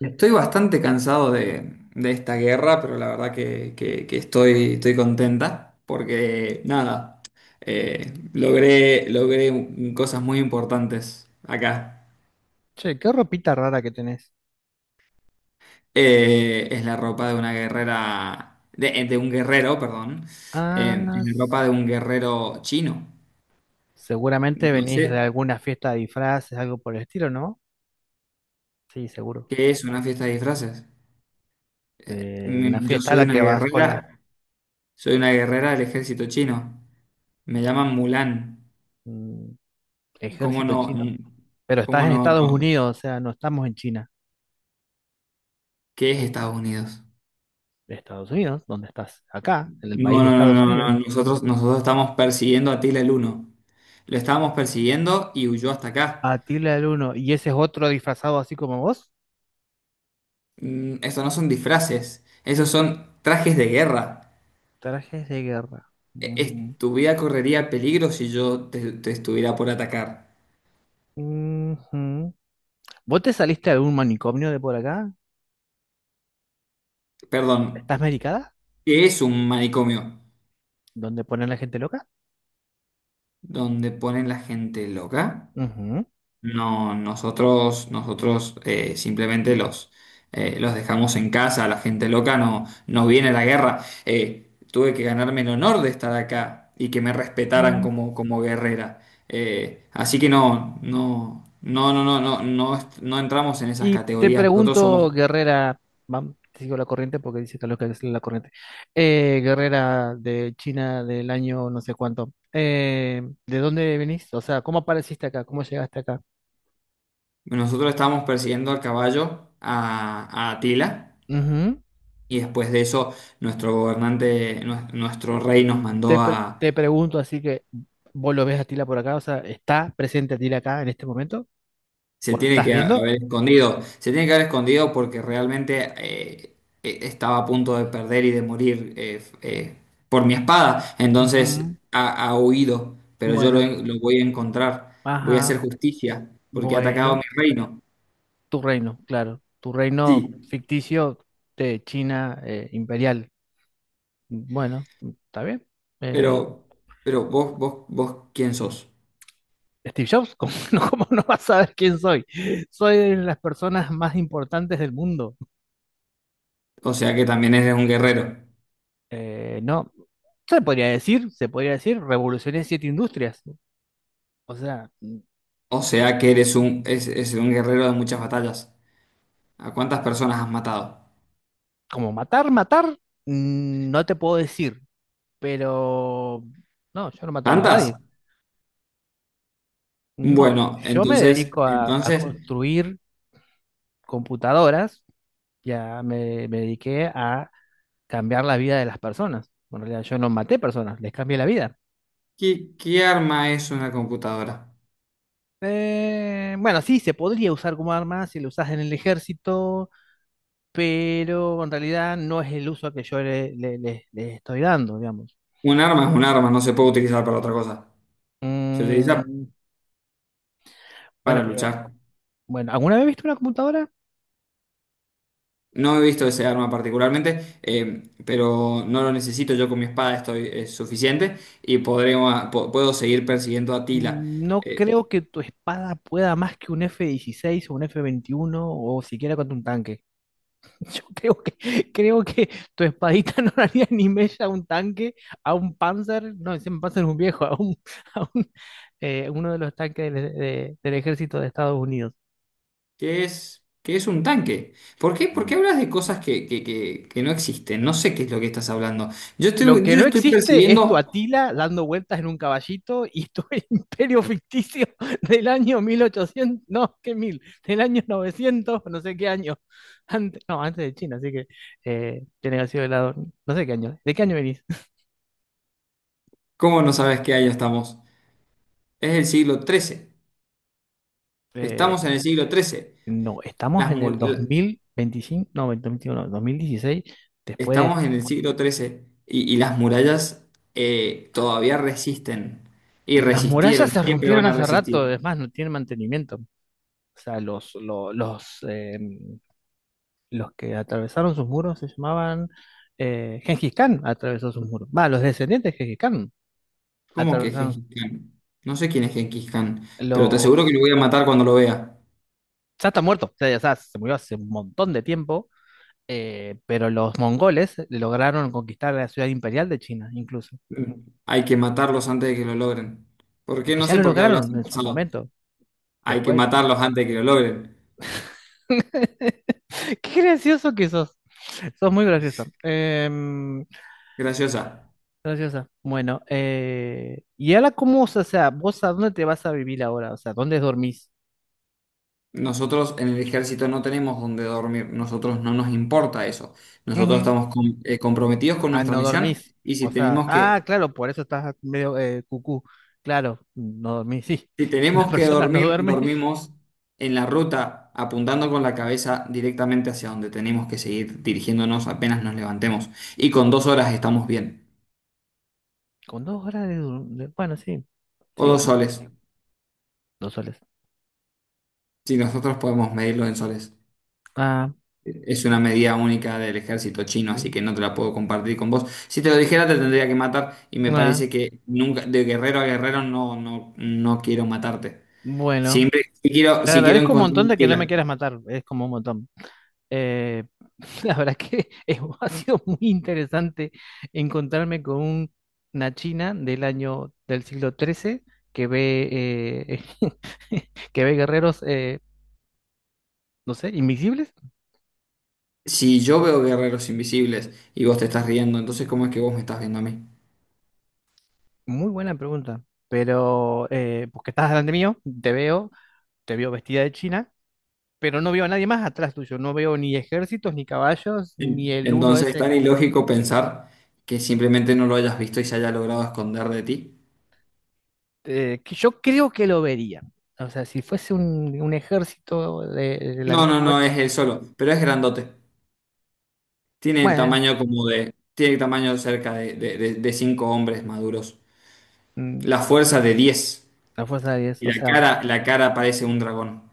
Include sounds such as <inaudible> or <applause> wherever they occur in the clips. Estoy bastante cansado de esta guerra, pero la verdad que estoy contenta porque, nada, logré cosas muy importantes acá. Che, qué ropita rara que tenés. Es la ropa de una guerrera, de un guerrero, perdón. Es Ah, la ropa s- de un guerrero chino. Seguramente No sé venís de alguna fiesta de disfraces, algo por el estilo, ¿no? Sí, seguro. qué es una fiesta de disfraces. Una Mm, yo fiesta a la que vas con la soy una guerrera del ejército chino. Me llaman Mulan. mm, ¿Cómo ejército no? chino. Pero estás ¿Cómo en no, Estados no? Unidos, o sea, no estamos en China. ¿Qué es Estados Unidos? Estados Unidos, ¿dónde estás? Acá, en el país No, de no, no, Estados no, Unidos. no. Nosotros estamos persiguiendo a Tila el Uno. Lo estábamos persiguiendo y huyó hasta acá. Atila el Uno. ¿Y ese es otro disfrazado así como vos? Mm, estos no son disfraces, esos son trajes de guerra. Trajes de guerra. Ujú. Tu vida correría peligro si yo te estuviera por atacar. Ujú. ¿Vos te saliste de algún manicomio de por acá? Perdón, ¿Estás medicada? ¿qué es un manicomio? ¿Dónde ponen la gente loca? ¿Donde ponen la gente loca? Ujú. No, nosotros simplemente los dejamos en casa, la gente loca no viene a la guerra. Tuve que ganarme el honor de estar acá y que me respetaran Mm. como, como guerrera. Así que no, no, no, no, no, no, no, no entramos en esas Y te categorías. Nosotros somos, pregunto, Guerrera, te sigo la corriente porque dice que lo que es la corriente. Guerrera de China del año no sé cuánto. ¿De dónde venís? O sea, ¿cómo apareciste acá? ¿Cómo llegaste acá? nosotros estamos persiguiendo al caballo a Atila, Ujú. y después de eso nuestro gobernante, nuestro rey nos mandó a Te pregunto, así que vos lo ves a Tila por acá, o sea, ¿está presente Tila acá en este momento? Se ¿Vos lo tiene estás que viendo? haber escondido. Se tiene que haber escondido porque realmente estaba a punto de perder y de morir eh, por mi espada. Entonces Ujú. Ha huido, pero yo lo, Bueno, lo voy a encontrar. Voy a ajá, hacer justicia porque ha atacado mi bueno. reino. Tu reino, claro. Tu Sí, reino ficticio de China, imperial. Bueno, está bien. Eh, pero, pero vos, ¿quién sos? Steve Jobs, <laughs> cómo no vas a saber quién soy? Soy de las personas más importantes del mundo. O sea que también eres un guerrero. No, se podría decir, revolucioné 7 industrias. O sea, mm, O sea que eres es un guerrero de muchas batallas. ¿A cuántas personas has matado? como matar, matar, mm, no te puedo decir, pero no, yo no mato ni a ¿Tantas? nadie. No, Bueno, yo me entonces, dedico a entonces. construir computadoras, ya me dediqué a cambiar la vida de las personas. Bueno, en realidad yo no maté personas, les cambié la vida. ¿Qué, qué arma es una computadora? Bueno, sí, se podría usar como arma si lo usas en el ejército, pero en realidad no es el uso que yo le, le estoy dando, digamos. Un arma es un arma, no se puede utilizar para otra cosa. Se utiliza Mm, bueno, para pero luchar. bueno, ¿alguna vez viste una computadora? No he visto ese arma particularmente, pero no lo necesito. Yo con mi espada estoy es suficiente y puedo seguir persiguiendo a Tila. Mm, no Eh, creo que tu espada pueda más que un F-16 o un F-21 o siquiera contra un tanque. <laughs> Yo creo que tu espadita <laughs> no le haría ni mella a un tanque, a un Panzer, no, encima Panzer es un viejo, <laughs> a un, uno de los tanques del ejército de Estados Unidos. ¿Qué es, qué es un tanque? Por qué Mm. hablas de cosas que no existen? No sé qué es lo que estás hablando. Lo que Yo no estoy existe es tu persiguiendo. Atila dando vueltas en un caballito y tu <laughs> imperio ficticio del año 1800, no, qué mil, del año 900, no sé qué año, antes, no, antes de China, así que tiene que haber sido el lado, no sé qué año, ¿de qué año venís? ¿Cómo no sabes qué año estamos? Es el siglo XIII. Estamos en el <laughs> siglo XIII. No, estamos las en mu- el la- 2025, no, 2021, 2016, después Estamos en el siglo XIII y las murallas todavía resisten y las resistieron murallas y se siempre rompieron van a hace rato, resistir. es más, no tienen mantenimiento. O sea, los que atravesaron sus muros se llamaban Gengis Khan atravesó sus muros. Va, los descendientes de Gengis Khan ¿Cómo que atravesaron Gengis Khan? No sé quién es Gengis Khan, pero te aseguro que lo los... voy a matar cuando lo vea. Ya está muerto, o sea, ya está, se murió hace un montón de tiempo, pero los mongoles lograron conquistar la ciudad imperial de China, incluso. Hay que matarlos antes de que lo logren. ¿Por Es qué? que No ya sé lo por qué hablas lograron en en su pasado. momento. Hay que Después matarlos antes de que lo logren. <laughs> qué gracioso que sos. Sos muy graciosa. Graciosa. Graciosa. Bueno, ¿y ahora cómo, o sea, vos a dónde te vas a vivir ahora? O sea, ¿dónde dormís? Nosotros en el ejército no tenemos dónde dormir. Nosotros no nos importa eso. Nosotros Ujú. estamos comprometidos con Ah, nuestra no misión. dormís. Y O si sea, tenemos que ah, claro, por eso estás medio cucú. Claro, no dormís, sí. Si <laughs> Una tenemos que persona no dormir, duerme dormimos en la ruta, apuntando con la cabeza directamente hacia donde tenemos que seguir dirigiéndonos apenas nos levantemos. Y con dos horas estamos bien. con 2 horas de, bueno, sí. O Sí, dos bueno, soles, 2 soles. si nosotros podemos medirlo en soles. Ah, Es una medida única del ejército chino, así sí. que no te la puedo compartir con vos. Si te lo dijera, te tendría que matar. Y me Ah, parece que nunca, de guerrero a guerrero, no, no, no quiero matarte. bueno. Siempre si quiero, Te si quiero agradezco un encontrar montón un de que no me quieras matar. Es como un montón. Eh, <laughs> la verdad que <laughs> ha sido muy interesante encontrarme con una china del año del siglo XIII que ve, <laughs> que ve guerreros, no sé, invisibles. Si yo veo guerreros invisibles y vos te estás riendo, entonces ¿cómo es que vos me estás viendo a mí? Muy buena pregunta, pero porque estás delante mío, te veo vestida de china, pero no veo a nadie más atrás tuyo, no veo ni ejércitos, ni caballos, Sí. ni el uno Entonces es ese tan que decimos, ilógico pensar que simplemente no lo hayas visto y se haya logrado esconder de ti. Que yo creo que lo vería. O sea, si fuese un ejército de la No, no, antigua no, China, es él solo, pero es grandote. Tiene el bueno, tamaño como de... Tiene el tamaño cerca de cinco hombres maduros. mm, La fuerza de 10 la fuerza de 10. y O sea, la cara parece un dragón.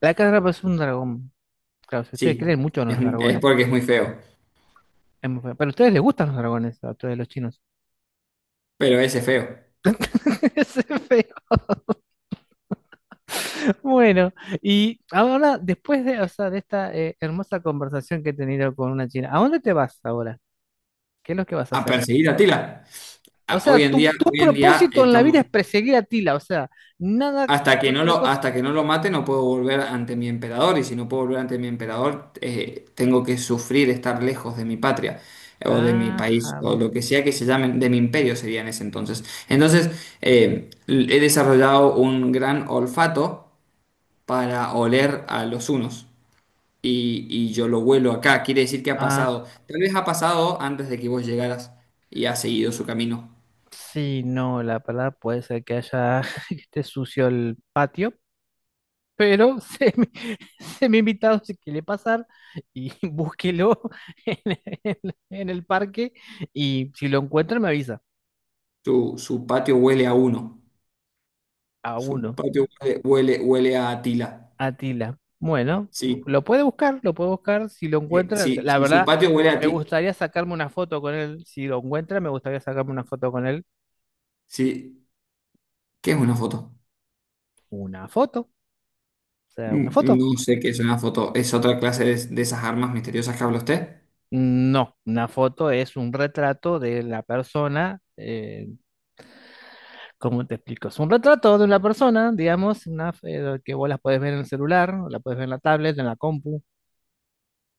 la carga es un dragón. Claro, si ustedes Sí, creen mucho en los es dragones. porque es muy feo, Es muy feo. Pero a ustedes les gustan los dragones, a todos los chinos. pero ese es feo. <laughs> Es feo. Bueno, y ahora, después de, o sea, de esta hermosa conversación que he tenido con una china, ¿a dónde te vas ahora? ¿Qué es lo que vas a A hacer? perseguir a Tila. O Ah, sea, hoy en tu, día, tu hoy en día propósito en la vida estamos... es perseguir a Tila, o sea, nada, Hasta que no otra lo, cosa. hasta que no lo mate, no puedo volver ante mi emperador, y si no puedo volver ante mi emperador, tengo que sufrir estar lejos de mi patria, o de mi país, Ajá. o lo que sea que se llame, de mi imperio sería en ese entonces. Entonces, he desarrollado un gran olfato para oler a los hunos. Y yo lo huelo acá, quiere decir que ha Ah, pasado. Tal vez ha pasado antes de que vos llegaras y ha seguido su camino. sí, no, la palabra puede ser que haya, <laughs> que esté sucio el patio. Pero semi, <laughs> semi invitado si quiere pasar y <laughs> búsquelo en, en el parque y si lo encuentra me avisa. Su patio huele a uno. A Su uno, patio huele a Atila. Atila. Bueno, Sí, lo puede buscar si lo encuentra. sí, La si su verdad, patio huele a me ti, gustaría sacarme una foto con él. Si lo encuentra, me gustaría sacarme una foto con él. sí, ¿qué es una foto? Una foto, o sea, una Mm, foto. no sé qué es una foto, es otra clase de esas armas misteriosas que habla usted. No, una foto es un retrato de la persona, ¿cómo te explico? Es un retrato de una persona, digamos, una, que vos la puedes ver en el celular, o la puedes ver en la tablet, en la compu.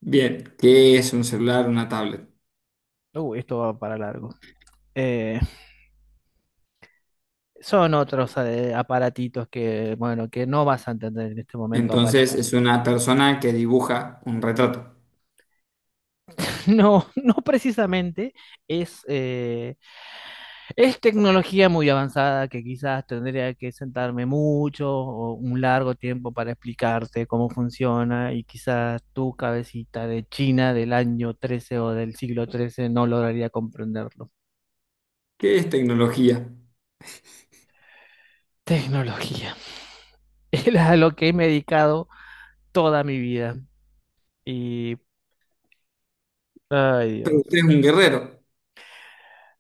Bien, ¿qué es un celular, una tablet? Esto va para largo. Eh, Son otros aparatitos que, bueno, que no vas a entender en este momento Entonces es aparentemente. una persona que dibuja un retrato. <laughs> No, no precisamente es es tecnología muy avanzada que quizás tendría que sentarme mucho o un largo tiempo para explicarte cómo funciona y quizás tu cabecita de China del año 13 o del siglo 13 no lograría comprenderlo. ¿Qué es tecnología? Tecnología. <laughs> Es a lo que me he dedicado toda mi vida y, ay Pero usted Dios. es un guerrero.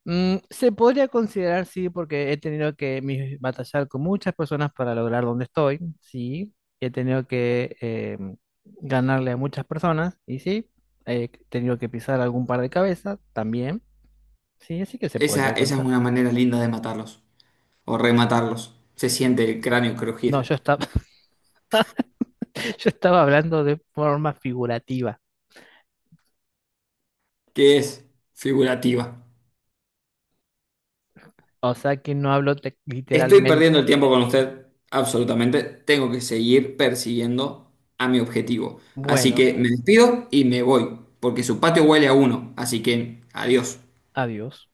Mm, se podría considerar, sí, porque he tenido que batallar con muchas personas para lograr donde estoy, sí. He tenido que ganarle a muchas personas, y sí. He tenido que pisar algún par de cabezas, también, sí, así que se Esa, podría esa es considerar. una manera linda de matarlos o rematarlos. Se siente el cráneo No, crujir. yo estaba, <laughs> yo estaba hablando de forma figurativa, ¿Qué es figurativa? o sea que no hablo Estoy literalmente. perdiendo el tiempo con usted, absolutamente. Tengo que seguir persiguiendo a mi objetivo. Así Bueno, que me despido y me voy, porque su patio huele a uno. Así que adiós. adiós.